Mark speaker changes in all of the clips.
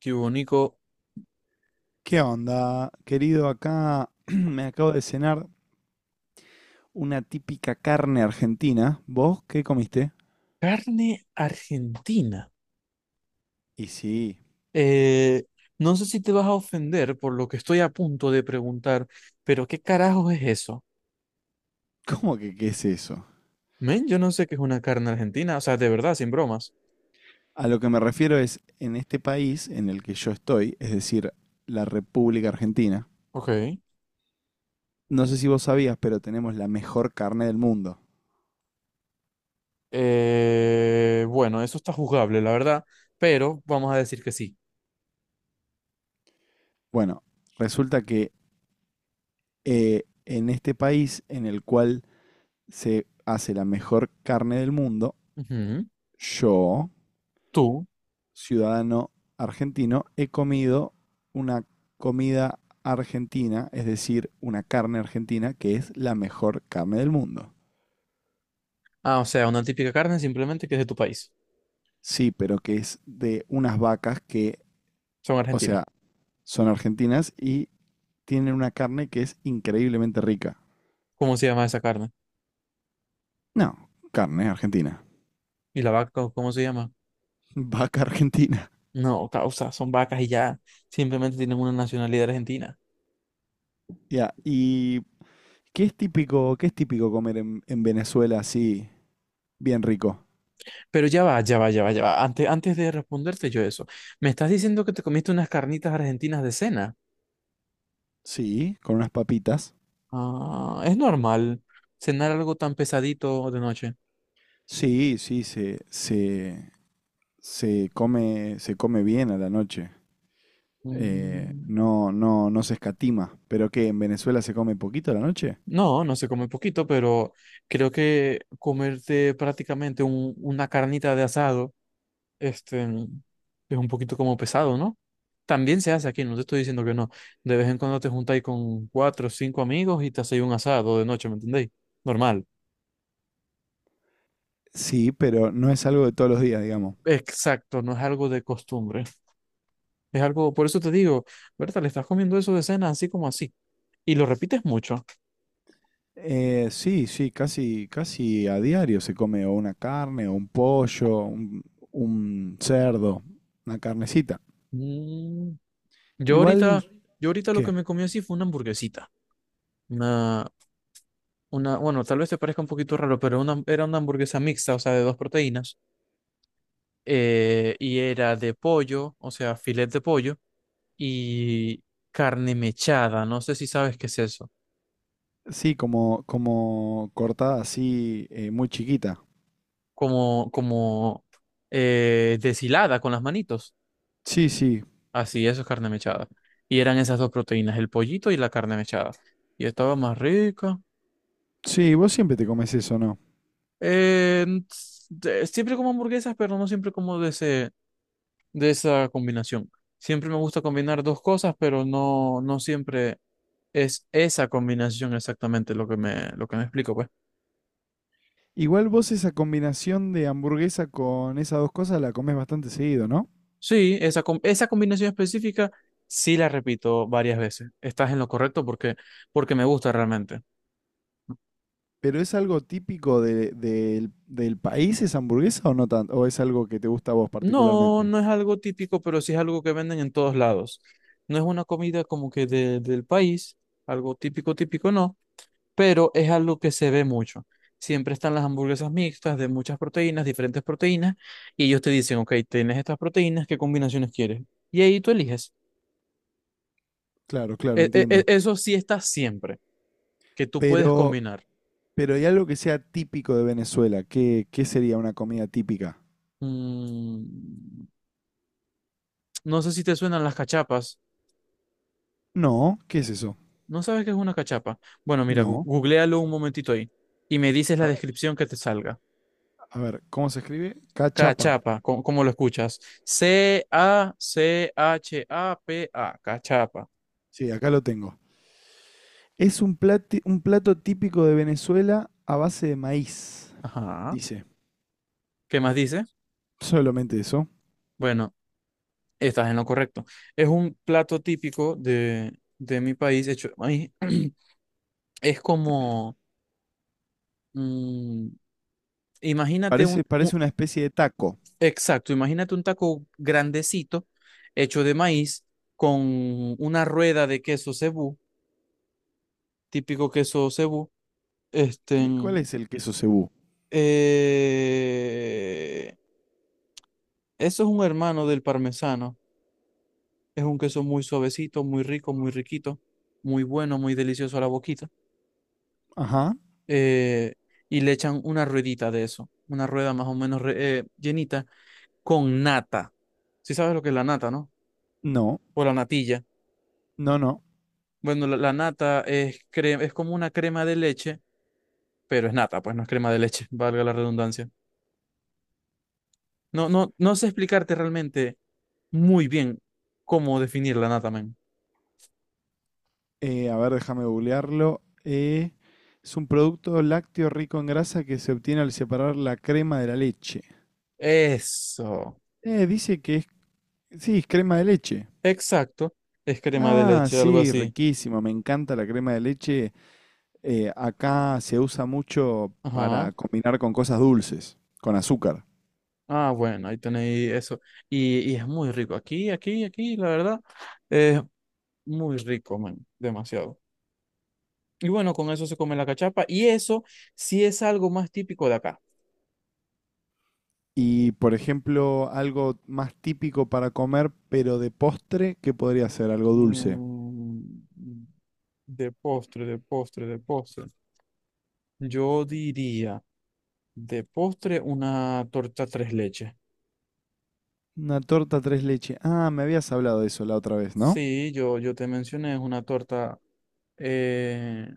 Speaker 1: Qué bonito.
Speaker 2: ¿Qué onda, querido? Acá me acabo de cenar una típica carne argentina. ¿Vos qué comiste?
Speaker 1: Carne argentina.
Speaker 2: Y sí,
Speaker 1: Eh, no sé si te vas a ofender por lo que estoy a punto de preguntar, pero ¿qué carajos es eso?
Speaker 2: ¿cómo que qué es eso?
Speaker 1: Men, yo no sé qué es una carne argentina, o sea, de verdad, sin bromas.
Speaker 2: A lo que me refiero es, en este país en el que yo estoy, es decir, la República Argentina,
Speaker 1: Ok.
Speaker 2: no sé si vos sabías, pero tenemos la mejor carne del mundo.
Speaker 1: Bueno, eso está juzgable, la verdad, pero vamos a decir que sí.
Speaker 2: Bueno, resulta que en este país en el cual se hace la mejor carne del mundo,
Speaker 1: Ujú.
Speaker 2: yo
Speaker 1: Tú.
Speaker 2: ciudadano argentino, he comido una comida argentina, es decir, una carne argentina que es la mejor carne del mundo.
Speaker 1: Ah, o sea, una típica carne simplemente que es de tu país.
Speaker 2: Sí, pero que es de unas vacas que,
Speaker 1: Son
Speaker 2: o
Speaker 1: argentinas.
Speaker 2: sea, son argentinas y tienen una carne que es increíblemente rica.
Speaker 1: ¿Cómo se llama esa carne?
Speaker 2: No, carne argentina.
Speaker 1: ¿Y la vaca, cómo se llama?
Speaker 2: Vaca argentina.
Speaker 1: No, causa, son vacas y ya. Simplemente tienen una nacionalidad argentina.
Speaker 2: Ya, ¿y qué es típico comer en Venezuela así, bien rico?
Speaker 1: Pero ya va, ya va, ya va, ya va. Antes, antes de responderte yo eso, me estás diciendo que te comiste unas carnitas argentinas de cena.
Speaker 2: Sí, con unas papitas.
Speaker 1: Ah, es normal cenar algo tan pesadito de noche.
Speaker 2: Sí, sí, se come, se come bien a la noche. Eh,
Speaker 1: Mm.
Speaker 2: no, no, no se escatima. ¿Pero qué? ¿En Venezuela se come poquito a la noche?
Speaker 1: No, no se come poquito, pero creo que comerte prácticamente una carnita de asado, este, es un poquito como pesado, ¿no? También se hace aquí, no te estoy diciendo que no. De vez en cuando te juntáis con cuatro o cinco amigos y te hacéis un asado de noche, ¿me entendéis? Normal.
Speaker 2: Sí, pero no es algo de todos los días, digamos.
Speaker 1: Exacto, no es algo de costumbre. Es algo, por eso te digo, Berta, le estás comiendo eso de cena así como así. Y lo repites mucho.
Speaker 2: Sí, sí, casi, casi a diario se come o una carne, o un pollo, un cerdo, una carnecita.
Speaker 1: Mm. Yo
Speaker 2: Igual
Speaker 1: ahorita, yo ahorita lo
Speaker 2: qué
Speaker 1: que me comí así fue una hamburguesita. Una, una, bueno, tal vez te parezca un poquito raro, pero una, era una hamburguesa mixta, o sea, de dos proteínas. Y era de pollo, o sea, filet de pollo y carne mechada. No sé si sabes qué es eso.
Speaker 2: sí, como, como cortada así, muy chiquita.
Speaker 1: Como, como deshilada con las manitos.
Speaker 2: Sí, sí,
Speaker 1: Así, eso es carne mechada. Y eran esas dos proteínas, el pollito y la carne mechada. Y estaba más rica.
Speaker 2: sí, vos siempre te comes eso, ¿no?
Speaker 1: Eh, Siempre como hamburguesas, pero no siempre como de ese, de esa combinación. Siempre me gusta combinar dos cosas, pero no, no siempre es esa combinación exactamente lo que me explico, pues.
Speaker 2: Igual vos esa combinación de hamburguesa con esas dos cosas la comés bastante seguido, ¿no?
Speaker 1: Sí, esa, esa combinación específica sí la repito varias veces. Estás en lo correcto porque, porque me gusta realmente.
Speaker 2: ¿Pero es algo típico del del país esa hamburguesa o no tanto? ¿O es algo que te gusta a vos
Speaker 1: No,
Speaker 2: particularmente?
Speaker 1: no es algo típico, pero sí es algo que venden en todos lados. No es una comida como que del país, algo típico, típico no, pero es algo que se ve mucho. Siempre están las hamburguesas mixtas de muchas proteínas, diferentes proteínas, y ellos te dicen, ok, tienes estas proteínas, ¿qué combinaciones quieres? Y ahí tú eliges.
Speaker 2: Claro, claro, entiendo.
Speaker 1: Eso sí está siempre, que tú puedes
Speaker 2: Pero,
Speaker 1: combinar.
Speaker 2: pero hay algo que sea típico de Venezuela. ¿Qué, qué sería una comida típica?
Speaker 1: Mm, no sé si te suenan las cachapas.
Speaker 2: No, ¿qué es eso?
Speaker 1: ¿No sabes qué es una cachapa? Bueno, mira,
Speaker 2: No.
Speaker 1: googléalo un momentito ahí y me dices la
Speaker 2: A,
Speaker 1: descripción que te salga.
Speaker 2: a ver, ¿cómo se escribe? Cachapa.
Speaker 1: Cachapa, ¿cómo, lo escuchas? C-A-C-H-A-P-A, cachapa.
Speaker 2: Sí, acá lo tengo. Es un un plato típico de Venezuela a base de maíz,
Speaker 1: Ajá.
Speaker 2: dice.
Speaker 1: ¿Qué más dice?
Speaker 2: Solamente eso.
Speaker 1: Bueno, estás en lo correcto. Es un plato típico de mi país. Hecho, de maíz. Es como, mm, imagínate un,
Speaker 2: Parece, parece una especie de taco.
Speaker 1: exacto, imagínate un taco grandecito hecho de maíz con una rueda de queso cebú típico queso cebú. Este,
Speaker 2: ¿Qué, cuál es el queso cebú?
Speaker 1: eh, eso es un hermano del parmesano. Es un queso muy suavecito, muy rico, muy riquito, muy bueno, muy delicioso a la boquita.
Speaker 2: Ajá.
Speaker 1: Eh, y le echan una ruedita de eso, una rueda más o menos llenita con nata. Si sabes lo que es la nata, ¿no?
Speaker 2: No,
Speaker 1: O la natilla.
Speaker 2: no, no.
Speaker 1: Bueno, la nata es, es como una crema de leche, pero es nata, pues no es crema de leche, valga la redundancia. No, no, no sé explicarte realmente muy bien cómo definir la nata, men.
Speaker 2: A ver, déjame googlearlo. Es un producto lácteo rico en grasa que se obtiene al separar la crema de la leche.
Speaker 1: Eso.
Speaker 2: Dice que es... Sí, es crema de leche.
Speaker 1: Exacto. Es crema de
Speaker 2: Ah,
Speaker 1: leche, algo
Speaker 2: sí,
Speaker 1: así.
Speaker 2: riquísimo. Me encanta la crema de leche. Acá se usa mucho
Speaker 1: Ajá.
Speaker 2: para combinar con cosas dulces, con azúcar.
Speaker 1: Ah, bueno, ahí tenéis eso. Y es muy rico. Aquí, aquí, aquí, la verdad, es muy rico, man. Demasiado. Y bueno, con eso se come la cachapa. Y eso sí es algo más típico de acá.
Speaker 2: Y, por ejemplo, algo más típico para comer, pero de postre, ¿qué podría ser? Algo dulce.
Speaker 1: Mm, de postre, de postre, de postre. Yo diría de postre, una torta tres leches.
Speaker 2: Una torta tres leche. Ah, me habías hablado de eso la otra vez, ¿no?
Speaker 1: Sí, yo te mencioné, es una torta eh,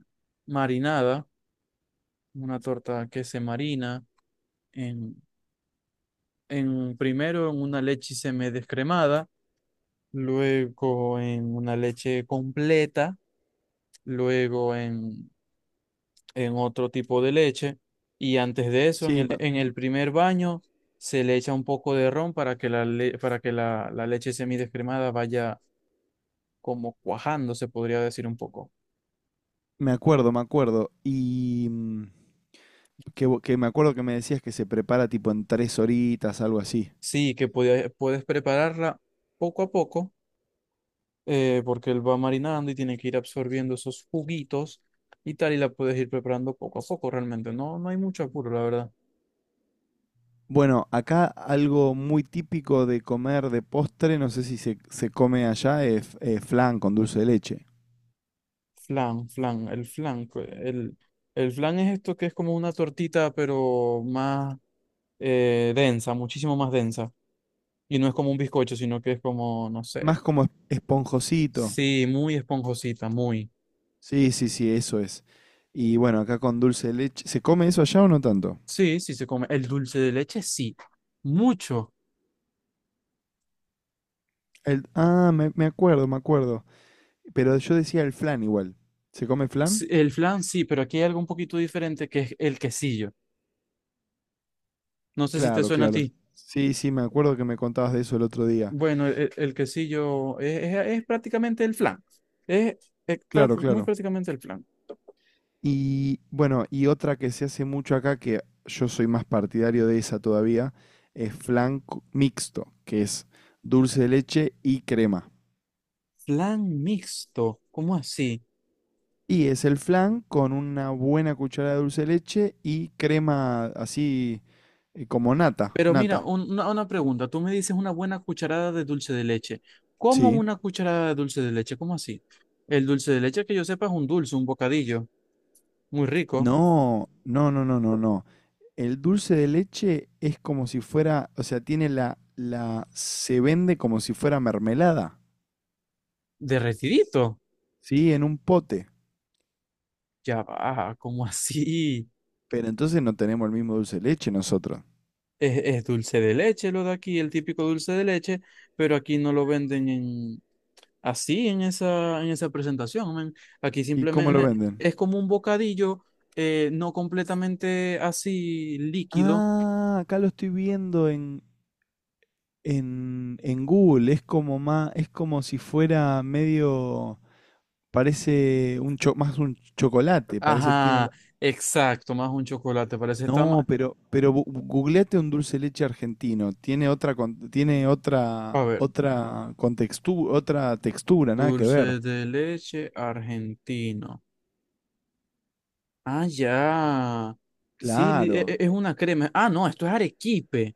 Speaker 1: marinada, una torta que se marina en, en primero en una leche semidescremada, luego en una leche completa, luego en otro tipo de leche, y antes de eso,
Speaker 2: Sí, me,
Speaker 1: en el primer baño, se le echa un poco de ron para que la, para que la leche semidescremada vaya como cuajando, se podría decir un poco.
Speaker 2: me acuerdo, me acuerdo. Y mm, que me acuerdo que me decías que se prepara tipo en tres horitas, algo así.
Speaker 1: Sí, que puedes prepararla poco a poco, porque él va marinando y tiene que ir absorbiendo esos juguitos y tal, y la puedes ir preparando poco a poco realmente. No, no hay mucho apuro, la verdad.
Speaker 2: Bueno, acá algo muy típico de comer de postre, no sé si se, se come allá, es flan con dulce de leche.
Speaker 1: Flan, flan, el flan. Pues, el flan es esto que es como una tortita, pero más densa, muchísimo más densa. Y no es como un bizcocho, sino que es como, no sé.
Speaker 2: Más como esponjosito.
Speaker 1: Sí, muy esponjosita, muy.
Speaker 2: Sí, sí, sí, eso es. Y bueno, acá con dulce de leche. ¿Se come eso allá o no tanto?
Speaker 1: Sí, sí se come. El dulce de leche, sí. Mucho.
Speaker 2: El, ah, me acuerdo, me acuerdo. Pero yo decía el flan igual. ¿Se come flan?
Speaker 1: Sí, el flan, sí, pero aquí hay algo un poquito diferente que es el quesillo. No sé si te
Speaker 2: Claro,
Speaker 1: suena a
Speaker 2: claro.
Speaker 1: ti.
Speaker 2: Sí, sí, me acuerdo que me contabas de eso el otro día.
Speaker 1: Bueno, el, el quesillo es, es prácticamente el flan. Es,
Speaker 2: Claro,
Speaker 1: muy
Speaker 2: claro.
Speaker 1: prácticamente el flan.
Speaker 2: Y bueno, y otra que se hace mucho acá, que yo soy más partidario de esa todavía, es flan mixto, que es dulce de leche y crema.
Speaker 1: Flan mixto, ¿cómo así?
Speaker 2: Y es el flan con una buena cucharada de dulce de leche y crema así como nata,
Speaker 1: Pero mira,
Speaker 2: nata.
Speaker 1: una pregunta. Tú me dices una buena cucharada de dulce de leche. ¿Cómo
Speaker 2: Sí.
Speaker 1: una cucharada de dulce de leche? ¿Cómo así? El dulce de leche que yo sepa es un dulce, un bocadillo, muy rico,
Speaker 2: No, no, no, no, no, no. El dulce de leche es como si fuera, o sea, tiene la, se vende como si fuera mermelada,
Speaker 1: derretidito.
Speaker 2: ¿sí? En un pote.
Speaker 1: Ya va, ¿cómo así?
Speaker 2: Pero entonces no tenemos el mismo dulce de leche nosotros.
Speaker 1: Es dulce de leche lo de aquí, el típico dulce de leche, pero aquí no lo venden en, así en esa presentación, men. Aquí
Speaker 2: ¿Y cómo lo
Speaker 1: simplemente
Speaker 2: venden?
Speaker 1: es como un bocadillo, no completamente así líquido.
Speaker 2: Ah, acá lo estoy viendo en Google. Es como más, es como si fuera medio. Parece un más un chocolate, parece tiene
Speaker 1: Ajá, exacto, más un chocolate, parece está
Speaker 2: no,
Speaker 1: más...
Speaker 2: pero googleate un dulce de leche argentino, tiene tiene otra
Speaker 1: A ver,
Speaker 2: otra otra textura, nada que
Speaker 1: dulce
Speaker 2: ver.
Speaker 1: de leche argentino. Ah, ya. Sí,
Speaker 2: Claro.
Speaker 1: es una crema. Ah, no, esto es arequipe.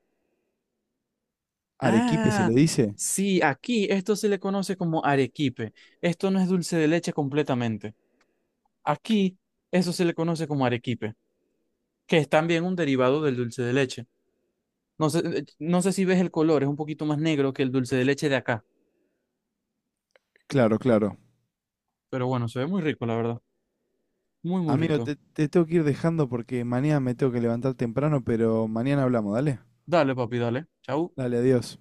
Speaker 2: Arequipe se le
Speaker 1: Ah,
Speaker 2: dice.
Speaker 1: sí, aquí esto se le conoce como arequipe. Esto no es dulce de leche completamente. Aquí eso se le conoce como arequipe, que es también un derivado del dulce de leche. No sé, no sé si ves el color, es un poquito más negro que el dulce de leche de acá.
Speaker 2: Claro, claro.
Speaker 1: Pero bueno, se ve muy rico, la verdad. Muy, muy
Speaker 2: Amigo,
Speaker 1: rico.
Speaker 2: te tengo que ir dejando porque mañana me tengo que levantar temprano, pero mañana hablamos, dale.
Speaker 1: Dale, papi, dale. Chau.
Speaker 2: Dale, adiós.